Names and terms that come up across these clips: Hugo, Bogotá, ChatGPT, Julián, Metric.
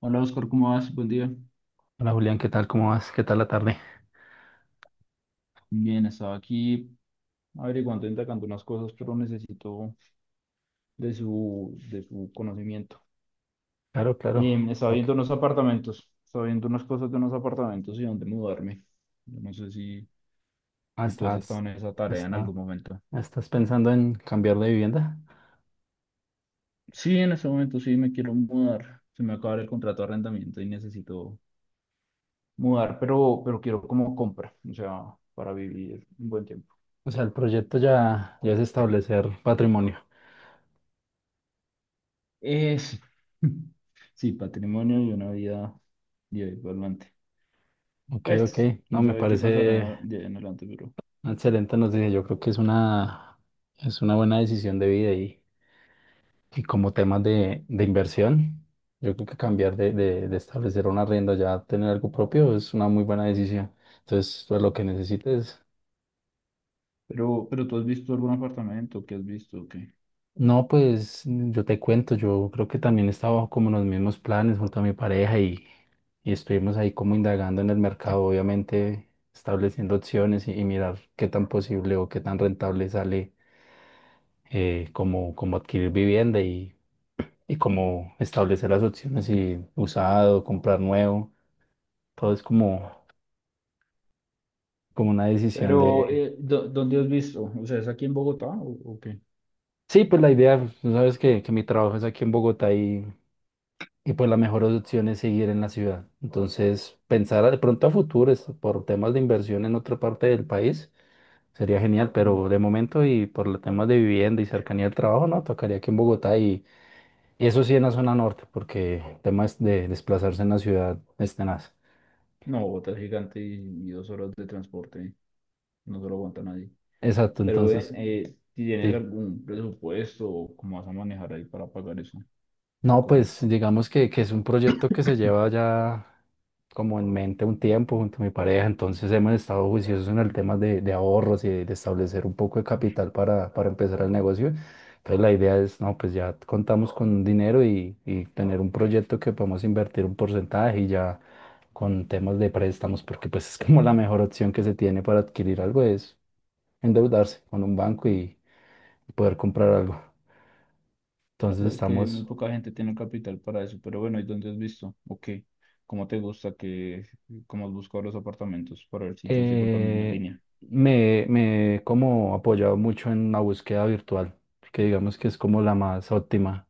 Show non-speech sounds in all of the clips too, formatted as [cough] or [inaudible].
Hola Oscar, ¿cómo vas? Buen día. Hola Julián, ¿qué tal? ¿Cómo vas? ¿Qué tal la tarde? Bien, estaba aquí averiguando, indagando unas cosas, pero necesito de su conocimiento. Claro, claro. Estaba Ok. viendo unos apartamentos, estaba viendo unas cosas de unos apartamentos y dónde mudarme. Yo no sé Ah, si tú has estado estás, en esa tarea en está, algún momento. ¿Estás pensando en cambiar de vivienda? Sí, en este momento sí me quiero mudar. Se me acaba el contrato de arrendamiento y necesito mudar, pero quiero como compra, o sea, para vivir un buen tiempo. O sea, el proyecto ya es establecer patrimonio. Es, [laughs] sí, patrimonio y una vida de ahí para adelante. Ok, ok. Pues, No, quién me sabe qué parece pasará de ahí en adelante, pero, una excelente noticia. Yo creo que es es una buena decisión de vida y como temas de inversión, yo creo que cambiar de establecer una rienda ya a tener algo propio es una muy buena decisión. Entonces, pues lo que necesites. pero, pero tú has visto algún apartamento, ¿qué has visto? ¿Qué? No, pues yo te cuento, yo creo que también estaba bajo como en los mismos planes junto a mi pareja y estuvimos ahí como indagando en el mercado, obviamente estableciendo opciones y mirar qué tan posible o qué tan rentable sale como, como adquirir vivienda y como establecer las opciones y usado, comprar nuevo, todo es como, como una decisión Pero, de... ¿dónde has visto? O sea, ¿es aquí en Bogotá o qué? Sí, pues la idea, tú sabes que mi trabajo es aquí en Bogotá. Y pues la mejor opción es seguir en la ciudad. Entonces, pensar de pronto a futuro es por temas de inversión en otra parte del país sería genial, Mm. pero de momento y por los temas de vivienda y cercanía al trabajo, no, tocaría aquí en Bogotá y eso sí en la zona norte, porque temas de desplazarse en la ciudad es tenaz. No, Bogotá es gigante y dos horas de transporte, no se lo aguanta nadie. Exacto, Pero ven, entonces, si tienes sí. algún presupuesto, o ¿cómo vas a manejar ahí para pagar eso, esa No, cosa? pues digamos que es un proyecto que se [coughs] lleva ya como en mente un tiempo junto a mi pareja, entonces hemos estado juiciosos en el tema de ahorros y de establecer un poco de capital para empezar el negocio. Entonces la idea es, no, pues ya contamos con dinero y tener un proyecto que podemos invertir un porcentaje y ya con temas de préstamos, porque pues es como la mejor opción que se tiene para adquirir algo es endeudarse con un banco y poder comprar algo. La Entonces verdad es que muy estamos... poca gente tiene capital para eso, pero bueno, ¿y dónde has visto? ¿O qué? ¿Cómo te gusta cómo has buscado los apartamentos para ver si yo sigo la misma eh, línea? Me he como apoyado mucho en la búsqueda virtual, que digamos que es como la más óptima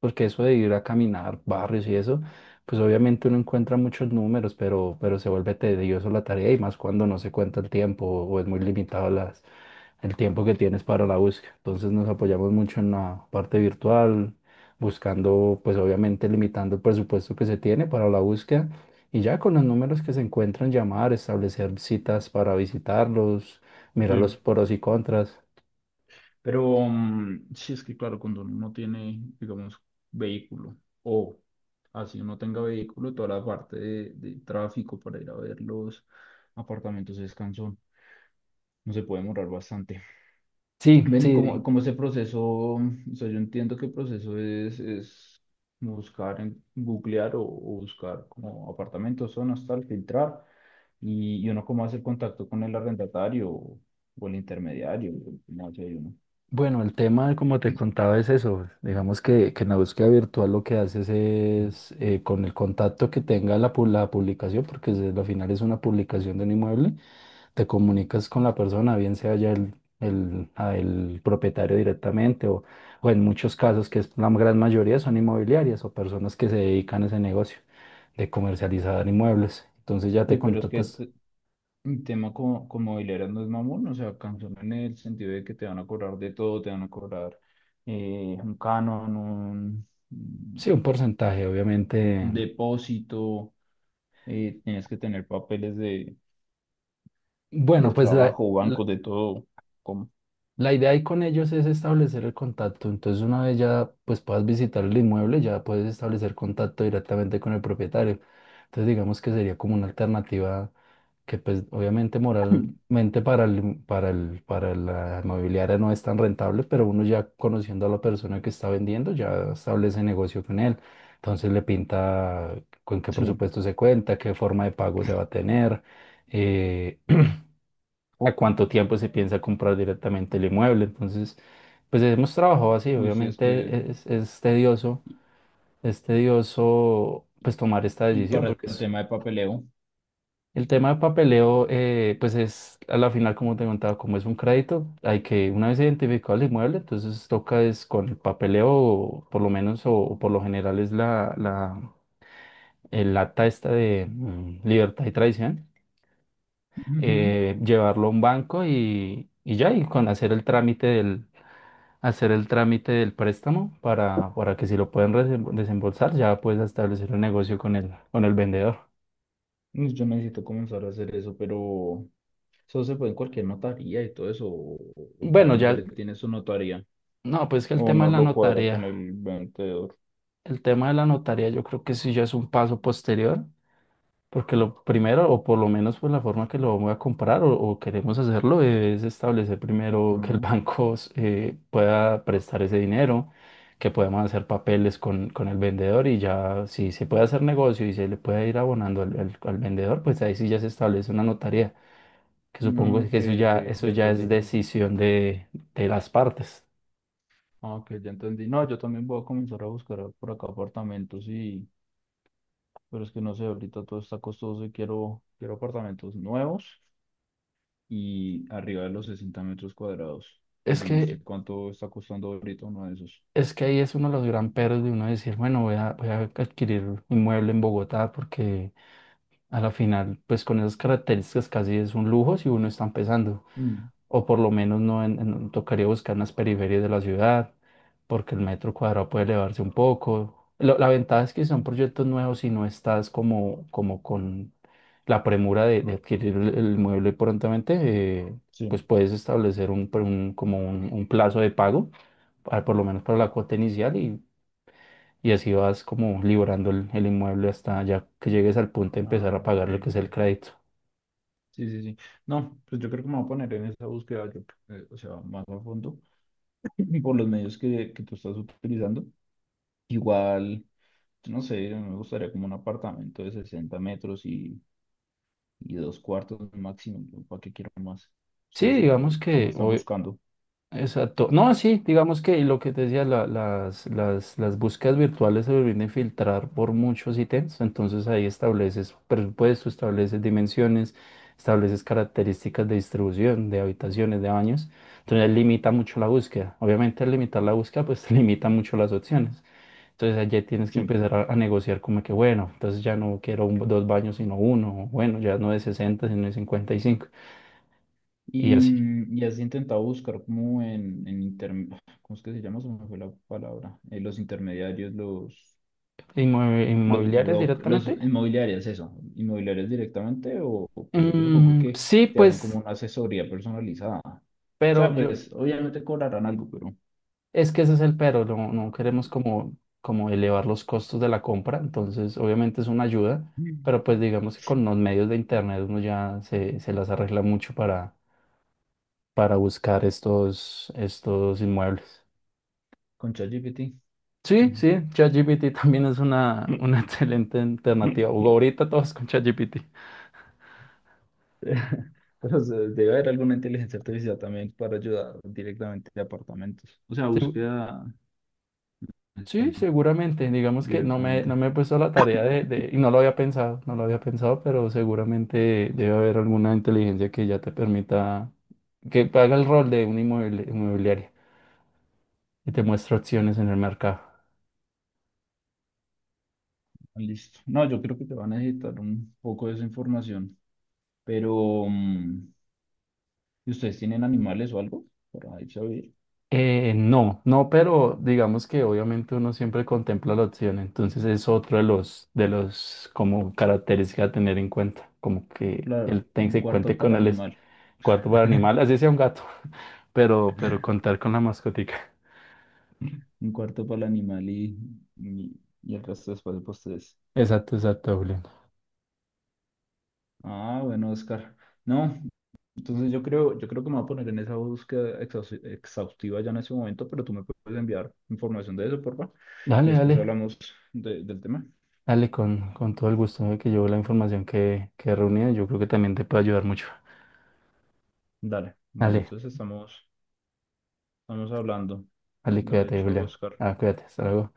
porque eso de ir a caminar barrios y eso, pues obviamente uno encuentra muchos números, pero se vuelve tedioso la tarea y más cuando no se cuenta el tiempo o es muy limitado el tiempo que tienes para la búsqueda. Entonces nos apoyamos mucho en la parte virtual, buscando, pues obviamente limitando el presupuesto que se tiene para la búsqueda y ya con los números que se encuentran, llamar, establecer citas para visitarlos, mirar los Sí, pros y contras. pero sí es que claro, cuando uno no tiene, digamos, vehículo o así uno tenga vehículo, toda la parte de tráfico para ir a ver los apartamentos es cansón, no se puede demorar bastante. Sí, Ven, sí. ¿Cómo ese proceso? O sea, yo entiendo que el proceso es buscar, en, googlear o buscar como apartamentos, zonas, tal, filtrar, y uno cómo hace el contacto con el arrendatario o el intermediario, o cómo hace uno. Bueno, el tema, como te contaba, es eso. Digamos que en la búsqueda virtual lo que haces es, con el contacto que tenga la publicación, porque al final es una publicación de un inmueble, te comunicas con la persona, bien sea ya a el propietario directamente o en muchos casos, que es la gran mayoría, son inmobiliarias o personas que se dedican a ese negocio de comercializar inmuebles. Entonces ya te Uy, pero es que contactas, un tema como, como mobiliario no es mamón, o sea, cansón en el sentido de que te van a cobrar de todo, te van a cobrar un canon, sí, un porcentaje, un obviamente. depósito, tienes que tener papeles de Bueno, pues la, trabajo, bancos, de todo. Como La idea ahí con ellos es establecer el contacto. Entonces, una vez ya pues puedas visitar el inmueble, ya puedes establecer contacto directamente con el propietario. Entonces, digamos que sería como una alternativa que pues obviamente moralmente para para la inmobiliaria no es tan rentable, pero uno ya conociendo a la persona que está vendiendo, ya establece negocio con él. Entonces le pinta con qué sí. presupuesto se cuenta, qué forma de pago se va a tener, eh, a cuánto tiempo se piensa comprar directamente el inmueble. Entonces, pues hemos trabajado así, Uy, sí, es que... obviamente es tedioso pues tomar esta Y decisión, para porque el es, tema de papeleo, el tema de papeleo, pues es a la final, como te contaba, como es un crédito, hay que, una vez identificado el inmueble, entonces toca es con el papeleo, o por lo menos, o por lo general es el acta esta de libertad y tradición, ujú, llevarlo a un banco y ya, y con hacer el trámite del, hacer el trámite del préstamo para que si lo pueden desembolsar, ya puedes establecer un negocio con el vendedor. pues yo necesito comenzar a hacer eso, pero eso se puede en cualquier notaría y todo eso, o cada Bueno, ya, el- inmueble tiene su notaría, no, pues que el o tema no de la lo cuadra con notaría, el vendedor. el tema de la notaría yo creo que sí ya es un paso posterior. Porque lo primero, o por lo menos pues la forma que lo vamos a comprar o queremos hacerlo, es establecer primero que el [laughs] Mm. banco pueda prestar ese dinero, que podamos hacer papeles con el vendedor y ya si se puede hacer negocio y se le puede ir abonando al vendedor, pues ahí sí ya se establece una notaría, que supongo No, que ok, ok, eso ya ya es entendí. decisión de las partes. Ah, ok, ya entendí. No, yo también voy a comenzar a buscar por acá apartamentos y, pero es que no sé, ahorita todo está costoso y quiero apartamentos nuevos y arriba de los 60 metros cuadrados. Pero Es yo no sé que, cuánto está costando ahorita uno de esos. es que ahí es uno de los gran peros de uno decir, bueno, voy a, voy a adquirir un inmueble en Bogotá porque a la final, pues con esas características casi es un lujo si uno está empezando, Mm, o por lo menos no en- en- tocaría buscar en las periferias de la ciudad, porque el metro cuadrado puede elevarse un poco. La ventaja es que son proyectos nuevos y no estás como, como con la premura de adquirir el mueble prontamente, eh, pues sí. puedes establecer como un plazo de pago, ah, por lo menos para la cuota inicial y así vas como librando el inmueble hasta ya que llegues al punto de empezar Ah, a pagar lo ok. que es el crédito. Sí, sí, sí. No, pues yo creo que me voy a poner en esa búsqueda, yo, o sea, más a fondo, [clears throat] por los medios que tú estás utilizando. Igual, yo no sé, me gustaría como un apartamento de 60 metros y dos cuartos máximo. ¿No? ¿Para qué quiero más? Sí, Ustedes, digamos ¿cómo que están hoy, buscando? exacto. No, sí, digamos que lo que te decía, las búsquedas virtuales se vienen a filtrar por muchos ítems, entonces ahí estableces presupuesto, estableces dimensiones, estableces características de distribución, de habitaciones, de baños, entonces limita mucho la búsqueda. Obviamente al limitar la búsqueda, pues [laughs] limita mucho las opciones. Entonces allí tienes que Sí. empezar a negociar como que, bueno, entonces ya no quiero dos baños sino uno, o bueno, ya no de 60 sino de 55 y cinco y Y, así. Y has intentado buscar como en internet, [sighs] ¿cómo es que se llama? Se me fue la palabra. Los intermediarios, los ¿Inmobiliarias brokers, los directamente? inmobiliarios, eso, inmobiliarios directamente, o, pues ellos supongo Mm, que sí, te hacen como pues, una asesoría personalizada. O pero sea, yo, pues obviamente cobrarán algo, pero es que ese es el pero, no, no queremos como, como elevar los costos de la compra, entonces obviamente es una ayuda, mm, pero pues digamos que con los medios de internet uno ya se las arregla mucho para buscar estos, estos inmuebles. con ChatGPT. Sí, Mm. sí, ChatGPT también es una [laughs] excelente alternativa. Hugo, [laughs] ahorita todos con ChatGPT. Debe haber alguna inteligencia artificial también para ayudar directamente de apartamentos. O sea, Segu- búsqueda, Sí, sí, seguramente. Digamos que no directamente. me he puesto a la tarea y no lo había pensado, no lo había pensado, pero seguramente debe haber alguna inteligencia que ya te permita, que haga el rol de un inmobiliaria y te muestre opciones en el mercado. Listo. No, yo creo que te van a necesitar un poco de esa información, pero mm, ¿y ¿ustedes tienen animales o algo? Para irse a vivir. No, no, pero digamos que obviamente uno siempre contempla la opción, entonces es otro de los como características a tener en cuenta, como que Claro, un se cuarto cuente para con el animal. cuarto para animal, [laughs] así sea un gato, [laughs] pero contar con la mascotica. Un cuarto para el animal y el resto después para ustedes. Exacto, exacto, Julián. Ah, bueno, Oscar. No, entonces yo creo que me voy a poner en esa búsqueda exhaustiva ya en ese momento, pero tú me puedes enviar información de eso, porfa, y Dale, después dale, hablamos del tema. dale, con todo el gusto de que yo la información que he reunido, yo creo que también te puede ayudar mucho. Dale, bueno, Dale, entonces estamos, estamos hablando. dale, No le cuídate, echo Julián. Oscar. Ah, cuídate, hasta luego.